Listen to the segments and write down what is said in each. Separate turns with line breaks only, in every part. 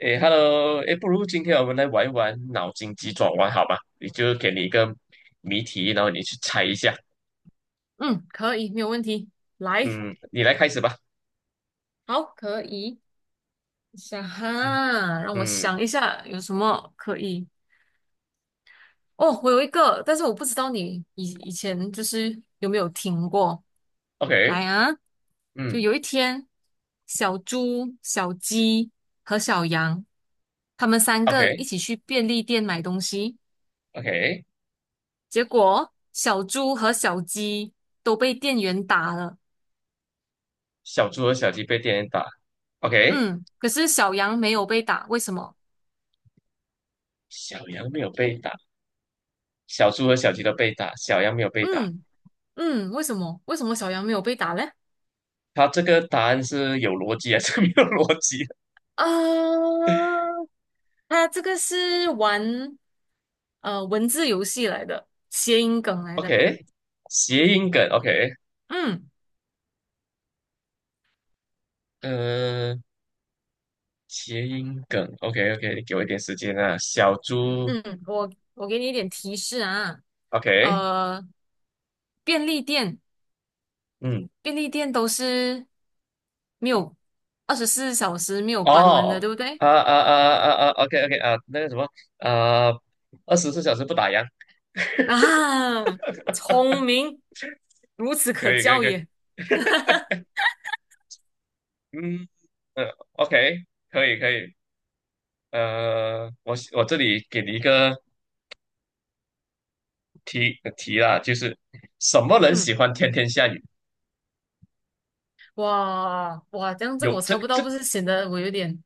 诶，Hello，诶，不如今天我们来玩一玩脑筋急转弯，好吧？你就给你一个谜题，然后你去猜一下。
嗯，可以，没有问题。来，
嗯，你来开始吧。
好，可以。想
嗯
哈，让我
嗯
想一下有什么可以。哦，我有一个，但是我不知道你以前就是有没有听过。来
，OK，
啊，就
嗯
有一天，小猪、小鸡和小羊，他们三个一起
，OK，OK。
去便利店买东西，
OK
结果小猪和小鸡都被店员打了。
小猪和小鸡被电打，OK。
嗯，可是小羊没有被打，为什么？
小羊没有被打，小猪和小鸡都被打，小羊没有被打。
嗯。嗯，为什么？为什么小杨没有被打嘞？
它这个答案是有逻辑还是 没有逻辑
啊，他这个是玩文字游戏来的，谐音梗来的。
？OK，谐音梗，OK，
嗯
嗯、谐音梗，OK，OK，给我一点时间啊。小猪
嗯，我给你一点提示啊，
，OK。
呃，便利店
嗯，
便利店都是没有24小时没有关门的，
哦，
对不对？
啊啊啊啊啊，OK OK 啊，那个什么，啊，24小时不打烊，
啊，聪明，孺子
可
可
以可以
教
可以，
也。
嗯，呃，OK，可以可以，我这里给你一个题啦，就是什么人
嗯，
喜欢天天下雨？
哇哇，这样这个
有
我猜不到，不是显得我有点。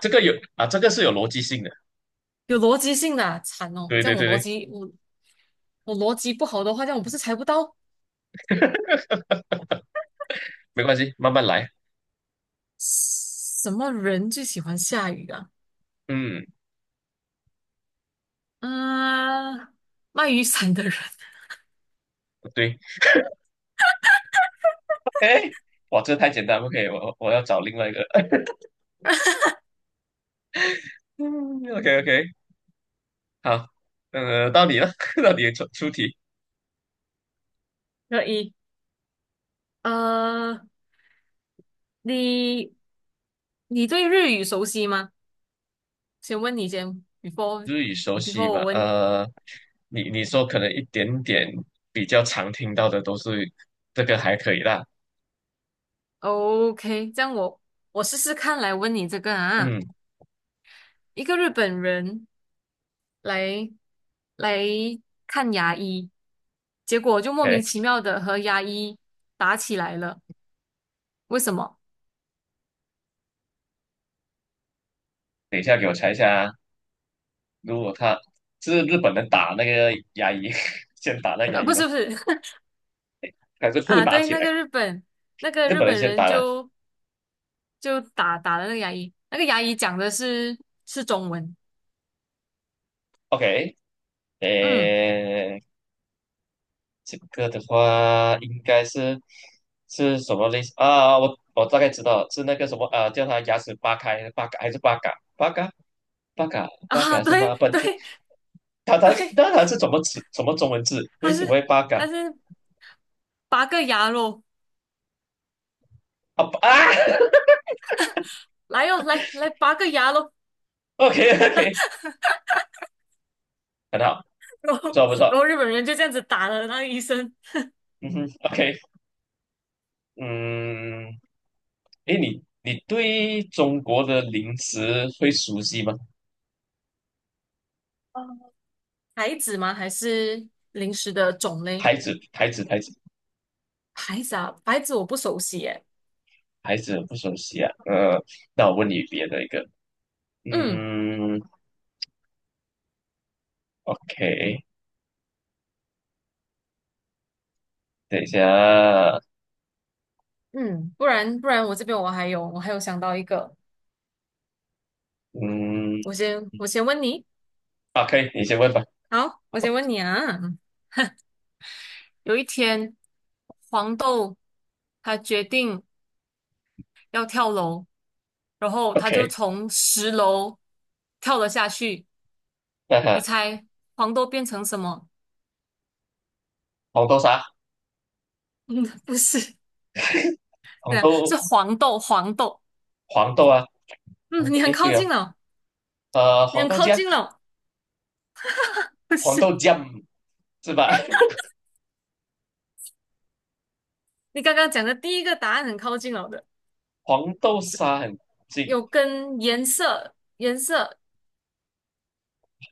这个有啊，这个是有逻辑性的，
有逻辑性的啊，惨哦！
对
这
对
样
对对，
我逻辑不好的话，这样我不是猜不到
没关系，慢慢来，
什么人最喜欢下雨啊？
嗯，
嗯、卖雨伞的人。
对 o 哇，这太简单，OK，我要找另外一个，嗯，OK OK，好，到你了，到你出题。
可以。呃，你你对日语熟悉吗？先问你先，
日语熟
before
悉
我
吧？
问你。
你说可能一点点比较常听到的都是这个还可以啦。
OK，这样我试试看来问你这个啊，
嗯，o
一个日本人来来看牙医，结果就莫名其
k
妙的和牙医打起来了。为什么？
等一下给我猜一下啊如果他是日本人打那个牙医，先打那牙医
不
吗？
是，不是。
还是互
啊，
打
对，
起来？
那个
日
日
本人
本
先
人
打了
就打了那个牙医，那个牙医讲的是中文，
，OK，
嗯
诶，这个的话应该是是什么类似啊？我大概知道了是那个什么啊，叫他牙齿扒开，八嘎还是八嘎，八嘎，八嘎，八
啊，
嘎是
对
吗？不，
对
他他
对，
那他是怎么词怎么中文字？为
还
什
是
么会八嘎
还是拔个牙咯，
啊啊
来哟、来拔个牙咯，
？OK OK，很好，
然
不
后
错不
然
错，
后日本人就这样子打了那个医生。
嗯哼，OK，嗯，诶，你对中国的零食会熟悉吗？
哦，孩子吗？还是零食的种类？
牌子牌子牌子
牌子啊，牌子我不熟悉诶。
牌子很不熟悉啊，那我问你别的一个，
嗯
嗯，OK，等一下，
嗯，不然我这边我还有想到一个，
嗯
我先问你，
啊，可以，你先问吧
好，我先问你啊。有一天，黄豆他决定要跳楼，然后他就
，OK，
从10楼跳了下去。
那
你
哈，
猜黄豆变成什么？
红豆沙，
嗯，不是。
红
对啊，是
豆
黄豆，黄豆。
黄豆啊，红
嗯，
豆，
你很
诶，
靠
对哦，
近了，你
黄
很
豆
靠
酱。
近了，不
黄
是，
豆酱是吧？
你刚刚讲的第一个答案很靠近了的。
黄豆沙很近，
有跟颜色，颜色，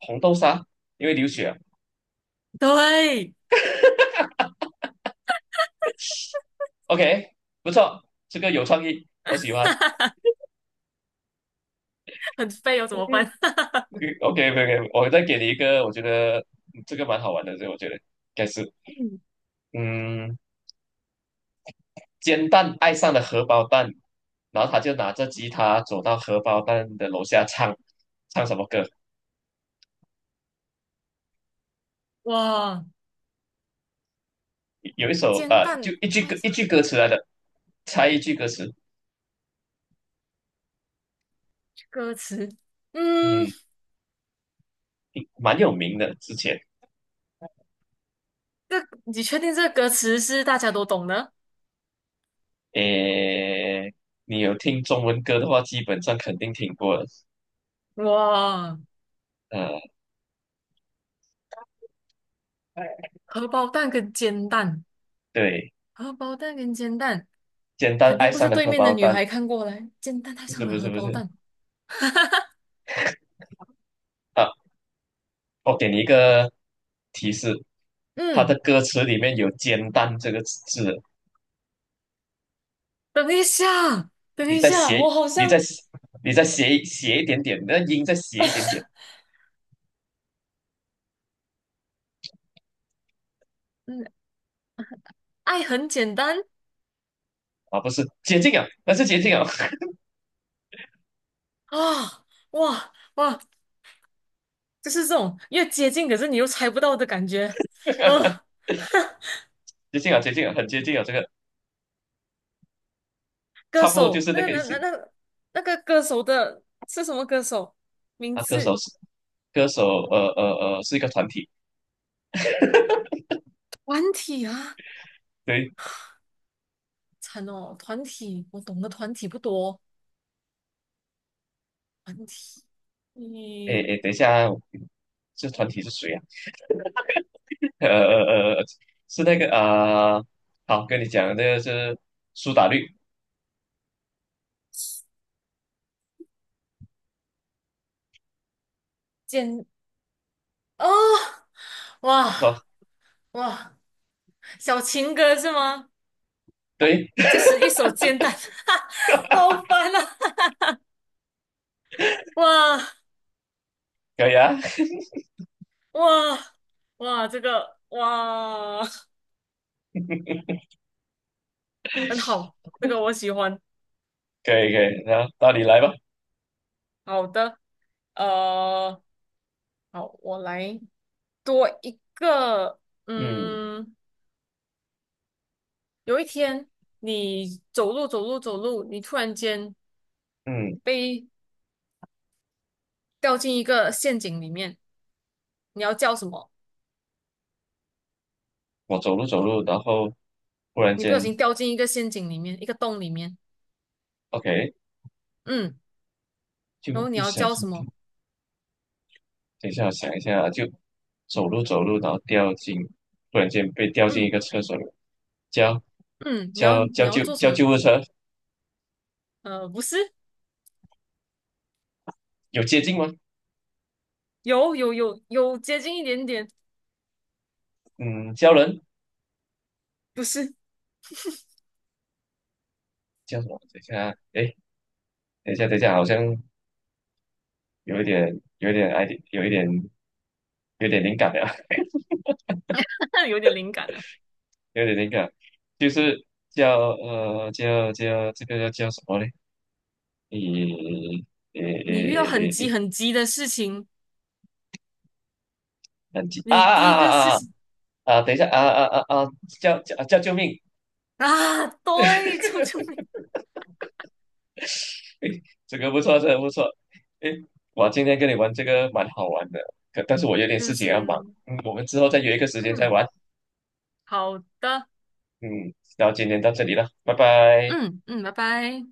红豆沙因为流血啊
对，
OK，不错，这个有创意，我喜欢。
很飞哦，怎么 办？
OK OK，OK，我再给你一个，我觉得嗯这个蛮好玩的，这个我觉得应该是，
嗯，
嗯，煎蛋爱上了荷包蛋，然后他就拿着吉他走到荷包蛋的楼下唱，唱什么歌？
哇，
有一首
煎
就
蛋
一句歌
爱
一
上
句歌词来的，猜一句歌词，
歌词，嗯，
嗯，蛮有名的，之前
这你确定这个歌词是大家都懂的？
诶，你有听中文歌的话，基本上肯定听过了。
哇，
呃，
荷包蛋跟煎蛋，
对，
荷包蛋跟煎蛋，
简单
肯定
爱
不是
上的
对
荷
面的
包
女
蛋，
孩看过来，煎蛋爱
不是
上了
不
荷
是不
包
是
蛋。
啊，我给你一个提示，它的
嗯，
歌词里面有"煎蛋"这个字，
等一下，等
你
一
再
下，
写，
我好
你再
像，
你再斜写一点点，那音再写一点点
嗯，爱很简单
啊，不是接近啊，那是接近啊，
啊，哇哇哇，就是这种越接近，可是你又猜不到的感觉。呃，
接近啊，接近啊，很接近啊，这个
歌
差不多就
手，
是那个意思
那个歌手的是什么歌手？名
啊。歌
字？
手是歌手，呃呃是一个团体，
团体啊？
对，
惨哦，团体，我懂的团体不多。团体，
诶
你
诶，等一下。这团体是谁啊？呃呃呃，是那个啊、好，跟你讲，这个是苏打绿
简哦，哇
哦，
哇，小情歌是吗？
对，
这是一首简单，好烦啊！哇
可以啊，
哇哇，这个哇。 很好，这个我喜欢。
可以可以，那到你来吧。
好的。呃，好，我来多一个。
嗯
嗯，有一天你走路走路走路，你突然间
嗯，
被掉进一个陷阱里面，你要叫什么？
我走路走路，然后忽然
你不小
间
心掉进一个陷阱里面，一个洞里面。
，OK，
嗯，
就
然后你
不
要
小
叫什
心，
么？
等一下我想一下啊，就走路走路，然后掉进，忽然间被掉进一
嗯
个厕所里，叫
嗯，你要
叫
你
叫
要做什么？
救护车，
不是，
有接近吗？
有接近一点点，
嗯，叫人
不是。
叫什么？等一下啊，哎，等一下，好像有一点，有一点爱，有一点，有点灵感了，
有点灵感了。
有点灵感，就是叫这个叫什么嘞？诶诶
你遇
诶
到很
诶
急
诶，
很急的事情，
等级啊
你第
啊
一个事
啊啊啊！
情。
啊，等一下啊啊啊啊！叫救命！
啊，对，救命！
诶，这个不错，这个不错。诶，我今天跟你玩这个蛮好玩的，可但是我有点
就
事情要忙。
是，
嗯，我们之后再约一个时间再
嗯，
玩。
好的，
嗯，然后今天到这里了，拜拜。
嗯嗯，拜拜。